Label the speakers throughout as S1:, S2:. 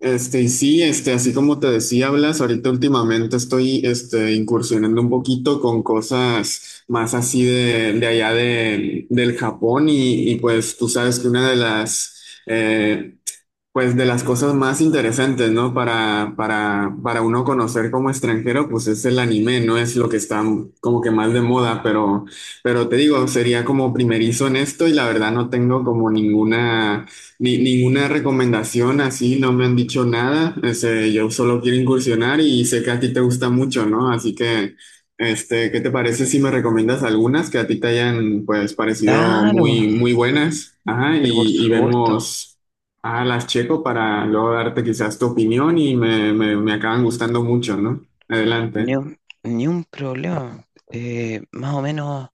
S1: Y sí, así como te decía, Blas, ahorita últimamente estoy, incursionando un poquito con cosas más así de allá del Japón y pues tú sabes que una de las, pues de las cosas más interesantes, ¿no? Para uno conocer como extranjero, pues es el anime, no es lo que está como que más de moda, pero te digo, sería como primerizo en esto y la verdad no tengo como ninguna, ni, ninguna recomendación así, no me han dicho nada, yo solo quiero incursionar y sé que a ti te gusta mucho, ¿no? Así que, ¿qué te parece si me recomiendas algunas que a ti te hayan, pues, parecido
S2: Claro,
S1: muy, muy buenas? Ajá,
S2: pero por
S1: y
S2: supuesto,
S1: vemos. Ah, las checo para luego darte quizás tu opinión y me acaban gustando mucho, ¿no?
S2: ni
S1: Adelante.
S2: un, ni un problema. Más o menos,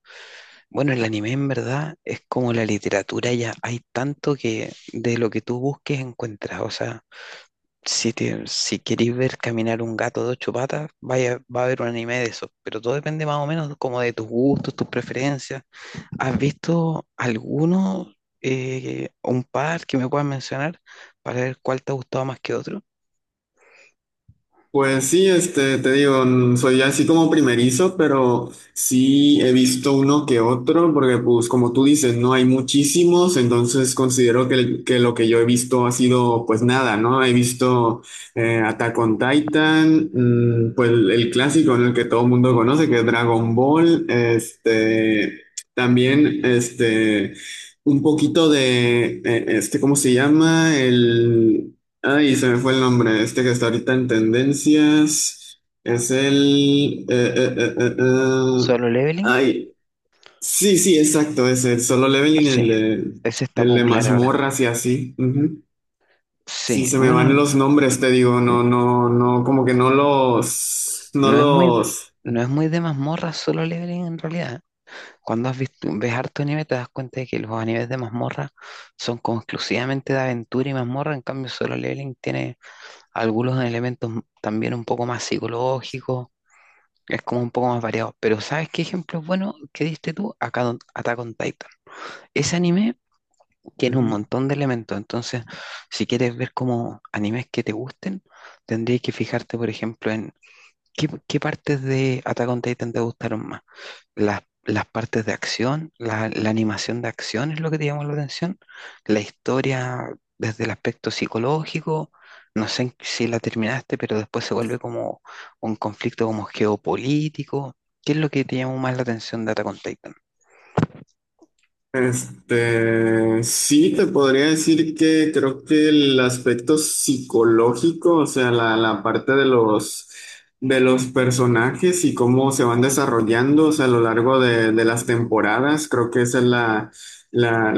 S2: bueno, el anime en verdad es como la literatura, ya hay tanto que de lo que tú busques encuentras. O sea, si querés ver caminar un gato de 8 patas, vaya, va a haber un anime de eso. Pero todo depende más o menos como de tus gustos, tus preferencias. ¿Has visto alguno, un par que me puedas mencionar para ver cuál te ha gustado más que otro?
S1: Pues sí, te digo, soy así como primerizo, pero sí he visto uno que otro, porque pues como tú dices, no hay muchísimos, entonces considero que, que lo que yo he visto ha sido pues nada, ¿no? He visto Attack on Titan, pues el clásico en el que todo el mundo conoce, que es Dragon Ball, también, un poquito de, ¿cómo se llama? Ay, se me fue el nombre. Este que está ahorita en tendencias es el.
S2: ¿Solo Leveling?
S1: Ay, sí, sí, exacto. Es el Solo Leveling, el
S2: Sí, ese
S1: de,
S2: está
S1: el de
S2: popular ahora.
S1: mazmorras y así. Ujú. Sí,
S2: Sí,
S1: se me van
S2: bueno,
S1: los nombres, te digo. No,
S2: n-
S1: no, no, como que no los. No
S2: no es muy,
S1: los.
S2: no es muy de mazmorra solo leveling en realidad. Cuando has visto, ves harto anime te das cuenta de que los animes de mazmorra son como exclusivamente de aventura y mazmorra, en cambio solo leveling tiene algunos elementos también un poco más psicológicos, es como un poco más variado. Pero ¿sabes qué ejemplo bueno que diste tú? Acá Attack on Titan. Ese anime tiene un
S1: Ujú.
S2: montón de elementos. Entonces, si quieres ver como animes que te gusten, tendrías que fijarte, por ejemplo, en qué partes de Attack on Titan te gustaron más. Las partes de acción, la animación de acción es lo que te llamó la atención. La historia desde el aspecto psicológico. No sé si la terminaste, pero después se vuelve como un conflicto como geopolítico. ¿Qué es lo que te llamó más la atención de Attack on Titan?
S1: Sí, te podría decir que creo que el aspecto psicológico, o sea, la parte de los personajes y cómo se van desarrollando, o sea, a lo largo de las temporadas, creo que esa es la,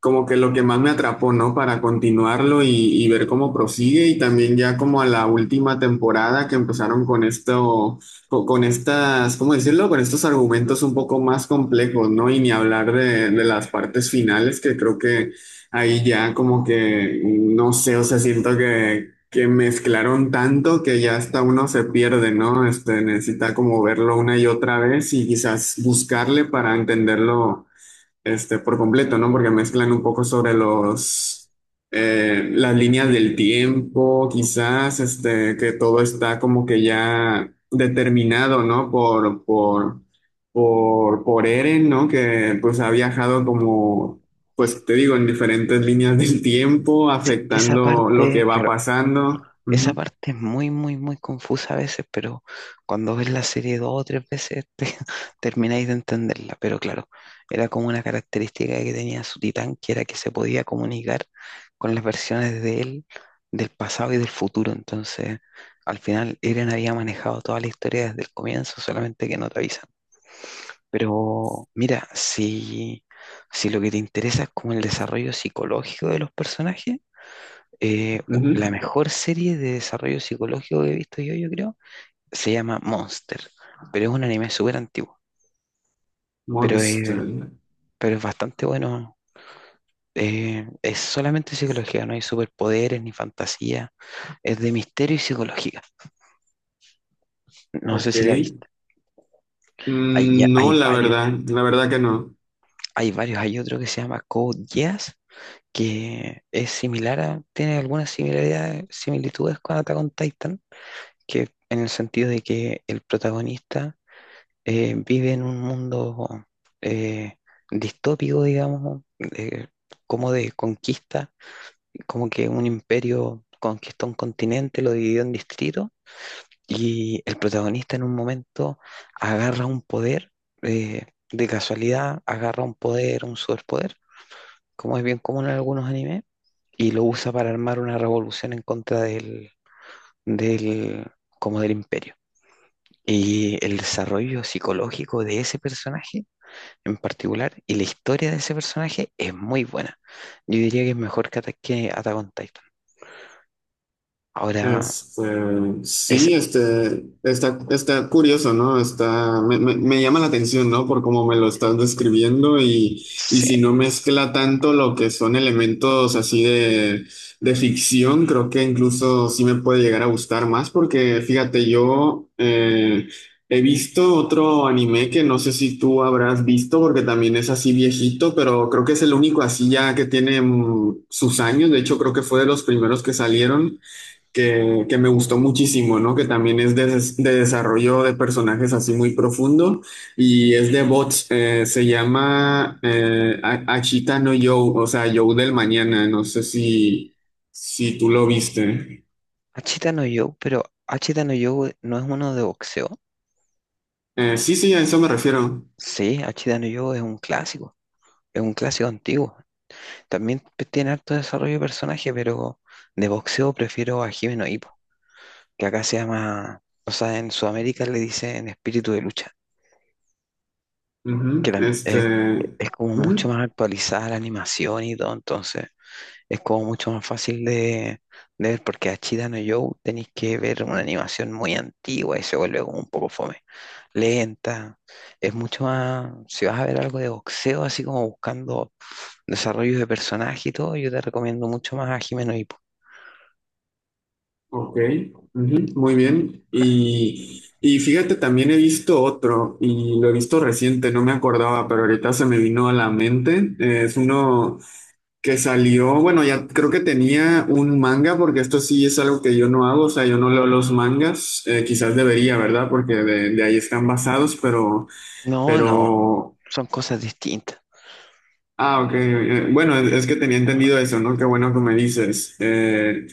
S1: como que lo que más me atrapó, ¿no? Para continuarlo y ver cómo prosigue y también ya como a la última temporada que empezaron con esto con estas, ¿cómo decirlo? Con estos argumentos un poco más complejos, ¿no? Y ni hablar de las partes finales, que creo que ahí ya como que, no sé, o sea, siento que mezclaron tanto que ya hasta uno se pierde, ¿no? Necesita como verlo una y otra vez y quizás buscarle para entenderlo por completo, ¿no? Porque mezclan un poco sobre las líneas del tiempo, quizás, que todo está como que ya determinado, ¿no? Por Eren, ¿no? Que pues ha viajado como, pues te digo, en diferentes líneas del tiempo,
S2: Esa
S1: afectando lo que
S2: parte,
S1: va
S2: claro,
S1: pasando.
S2: esa
S1: Ujú,
S2: parte es muy, muy, muy confusa a veces, pero cuando ves la serie 2 o 3 veces termináis de entenderla. Pero claro, era como una característica que tenía su titán, que era que se podía comunicar con las versiones de él del pasado y del futuro. Entonces, al final, Eren había manejado toda la historia desde el comienzo, solamente que no te avisan. Pero mira, si, si lo que te interesa es como el desarrollo psicológico de los personajes, la
S1: ujú.
S2: mejor serie de desarrollo psicológico que he visto yo, yo creo, se llama Monster, pero es un anime súper antiguo, pero, eh,
S1: Monster,
S2: pero es bastante bueno. Es solamente psicología, no hay superpoderes ni fantasía, es de misterio y psicología. No sé
S1: ok.
S2: si la viste.
S1: Mm, no,
S2: Hay varios,
S1: la verdad que no.
S2: hay varios. Hay otro que se llama Code Geass, que es similar a, tiene algunas similitudes con Attack on Titan, que en el sentido de que el protagonista vive en un mundo eh, distópico, digamos, como de conquista, como que un imperio conquistó un continente, lo dividió en distritos, y el protagonista en un momento agarra un poder, eh, de casualidad, agarra un poder, un superpoder, como es bien común en algunos animes, y lo usa para armar una revolución en contra del, como del imperio. Y el desarrollo psicológico de ese personaje en particular y la historia de ese personaje es muy buena. Yo diría que es mejor que, que Attack on Titan. Ahora,
S1: Este,
S2: es,
S1: sí, está curioso, ¿no? Me llama la atención, ¿no? Por cómo me lo estás describiendo y
S2: sí,
S1: si no mezcla tanto lo que son elementos así de ficción, creo que incluso sí me puede llegar a gustar más porque, fíjate, yo he visto otro anime que no sé si tú habrás visto porque también es así viejito, pero creo que es el único así ya que tiene sus años, de hecho creo que fue de los primeros que salieron que me gustó muchísimo, ¿no? Que también es de desarrollo de personajes así muy profundo y es de bots, se llama Ashita no Joe, o sea, Joe del mañana, no sé si tú lo viste.
S2: Hachita no Joe, pero Hachita no Joe no es uno de boxeo.
S1: Sí, sí, a eso me refiero.
S2: Sí, Hachita no Joe es un clásico antiguo. También tiene harto desarrollo de personaje, pero de boxeo prefiero a Hime no Ippo, que acá se llama, o sea, en Sudamérica le dicen espíritu de lucha, que
S1: Ujú,
S2: es como mucho
S1: Ujú,
S2: más actualizada la animación y todo, entonces es como mucho más fácil de ver porque a Achida no Joe tenéis que ver una animación muy antigua y se vuelve como un poco fome, lenta. Es mucho más, si vas a ver algo de boxeo, así como buscando desarrollos de personaje y todo, yo te recomiendo mucho más a Jimeno Hippo.
S1: ok, ujú, muy bien. Y fíjate, también he visto otro y lo he visto reciente, no me acordaba, pero ahorita se me vino a la mente. Es uno que salió, bueno, ya creo que tenía un manga, porque esto sí es algo que yo no hago, o sea, yo no leo los mangas, quizás debería, ¿verdad? Porque de ahí están basados, pero,
S2: No, no,
S1: pero,
S2: son cosas distintas.
S1: ah, ok, bueno, es que tenía entendido eso, ¿no? Qué bueno que me dices.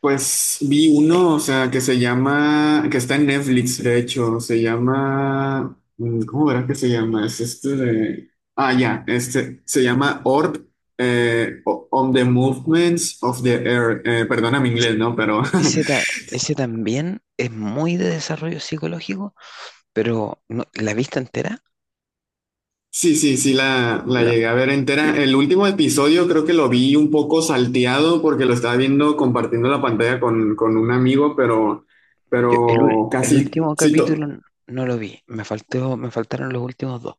S1: Pues vi
S2: Eh,
S1: uno, o sea, que se llama, que está en Netflix, de hecho, se llama, ¿cómo verás que se llama? Es este de, ah, ya, se llama Orb, On the Movements of the Earth, perdona mi
S2: Ese,
S1: inglés, ¿no? Pero
S2: ese ta- ese también es muy de desarrollo psicológico, pero la vista entera.
S1: sí, sí, sí, la llegué a ver entera. El último episodio creo que lo vi un poco salteado porque lo estaba viendo compartiendo la pantalla con un amigo, pero,
S2: Yo
S1: pero
S2: el
S1: casi.
S2: último
S1: Sí,
S2: capítulo no lo vi, me faltó, me faltaron los últimos 2.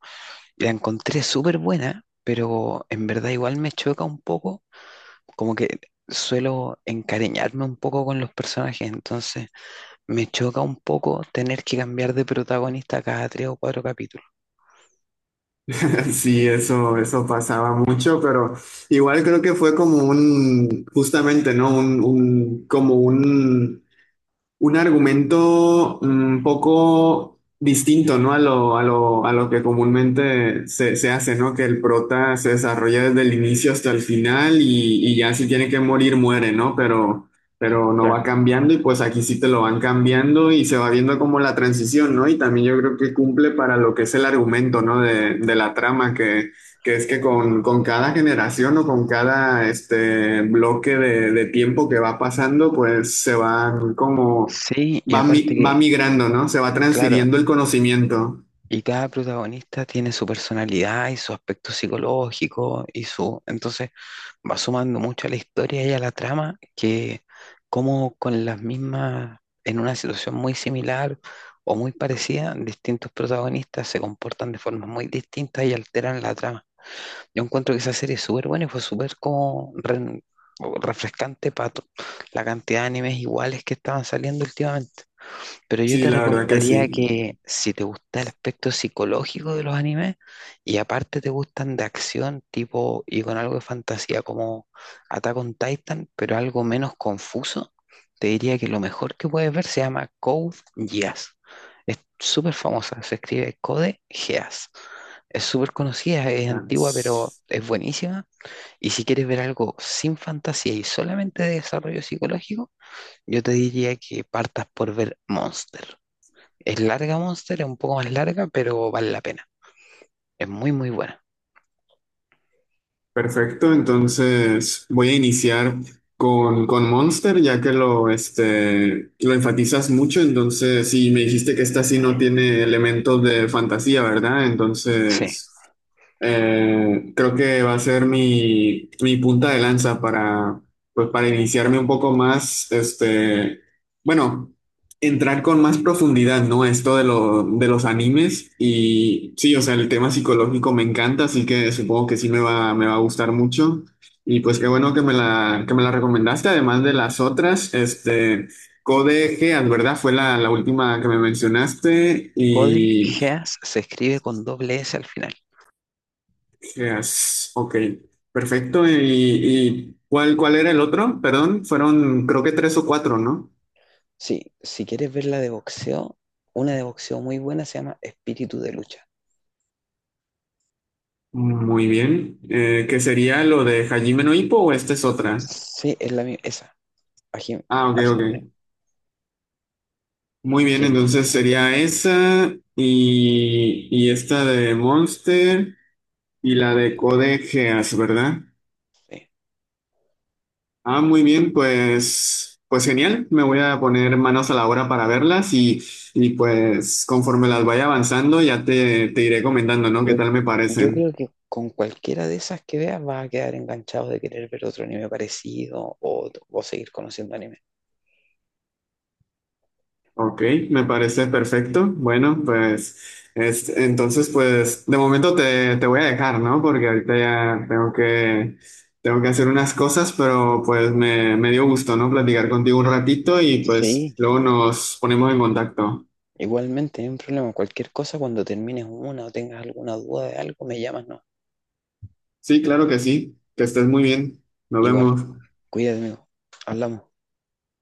S2: La encontré súper buena, pero en verdad igual me choca un poco, como que suelo encariñarme un poco con los personajes, entonces me choca un poco tener que cambiar de protagonista cada 3 o 4 capítulos.
S1: Sí, eso pasaba mucho, pero igual creo que fue como un, justamente, ¿no? Como un argumento un poco distinto, ¿no? A lo que comúnmente se hace, ¿no? Que el prota se desarrolla desde el inicio hasta el final y ya si tiene que morir, muere, ¿no? Pero no va
S2: Claro.
S1: cambiando y pues aquí sí te lo van cambiando y se va viendo como la transición, ¿no? Y también yo creo que cumple para lo que es el argumento, ¿no? De la trama que. Que es que con cada generación o con cada este bloque de tiempo que va pasando, pues se van como,
S2: Sí, y aparte que,
S1: va migrando, ¿no? Se va
S2: claro,
S1: transfiriendo el conocimiento.
S2: y cada protagonista tiene su personalidad y su aspecto psicológico y su... Entonces va sumando mucho a la historia y a la trama que como con las mismas, en una situación muy similar o muy parecida, distintos protagonistas se comportan de formas muy distintas y alteran la trama. Yo encuentro que esa serie es súper buena y fue súper como refrescante para la cantidad de animes iguales que estaban saliendo últimamente. Pero yo
S1: Sí,
S2: te
S1: la verdad que
S2: recomendaría
S1: sí.
S2: que si te gusta el aspecto psicológico de los animes y aparte te gustan de acción tipo y con algo de fantasía como Attack on Titan, pero algo menos confuso, te diría que lo mejor que puedes ver se llama Code Geass. Es súper famosa, se escribe Code Geass. Es súper conocida, es antigua, pero
S1: Trans.
S2: es buenísima. Y si quieres ver algo sin fantasía y solamente de desarrollo psicológico, yo te diría que partas por ver Monster. Es larga Monster, es un poco más larga, pero vale la pena. Es muy, muy buena.
S1: Perfecto, entonces voy a iniciar con Monster, ya que lo enfatizas mucho, entonces sí, me dijiste que esta sí no tiene elementos de fantasía, ¿verdad?
S2: Sí,
S1: Entonces. Creo que va a ser mi punta de lanza para, pues, para iniciarme un poco más, bueno, entrar con más profundidad, ¿no? Esto de, lo, de los animes y sí, o sea, el tema psicológico me encanta, así que supongo que sí me va a gustar mucho. Y pues qué bueno que me la recomendaste, además de las otras, Code Geass, ¿verdad? Fue la última que me mencionaste
S2: Cody
S1: y
S2: Geass se escribe con doble S al final.
S1: ¿qué has? Ok, perfecto. ¿Y cuál era el otro? Perdón, fueron creo que tres o cuatro, ¿no?
S2: Sí. Si quieres ver la de boxeo, una de boxeo muy buena se llama Espíritu de Lucha.
S1: Muy bien. ¿Qué sería lo de Hajime no Ippo o esta es otra?
S2: Sí, es la misma, esa, a Jim-
S1: Ah, ok,
S2: a Jiménez,
S1: ok. Muy bien,
S2: que es muy
S1: entonces
S2: buena.
S1: sería esa y esta de Monster y la de Code Geass, ¿verdad?
S2: Sí.
S1: Ah, muy bien, pues genial. Me voy a poner manos a la obra para verlas y pues conforme las vaya avanzando ya te iré comentando, ¿no? ¿Qué
S2: Yo,
S1: tal me
S2: yo
S1: parecen?
S2: creo que con cualquiera de esas que veas vas a quedar enganchado de querer ver otro anime parecido o seguir conociendo anime.
S1: Ok, me parece perfecto. Bueno, pues entonces pues de momento te voy a dejar, ¿no? Porque ahorita ya tengo que hacer unas cosas, pero pues me dio gusto, ¿no? Platicar contigo un ratito y pues
S2: Sí,
S1: luego nos ponemos en contacto.
S2: igualmente, no hay un problema. Cualquier cosa, cuando termines una o tengas alguna duda de algo, me llamas, no.
S1: Sí, claro que sí. Que estés muy bien. Nos
S2: Igual,
S1: vemos.
S2: cuídate, amigo. Hablamos.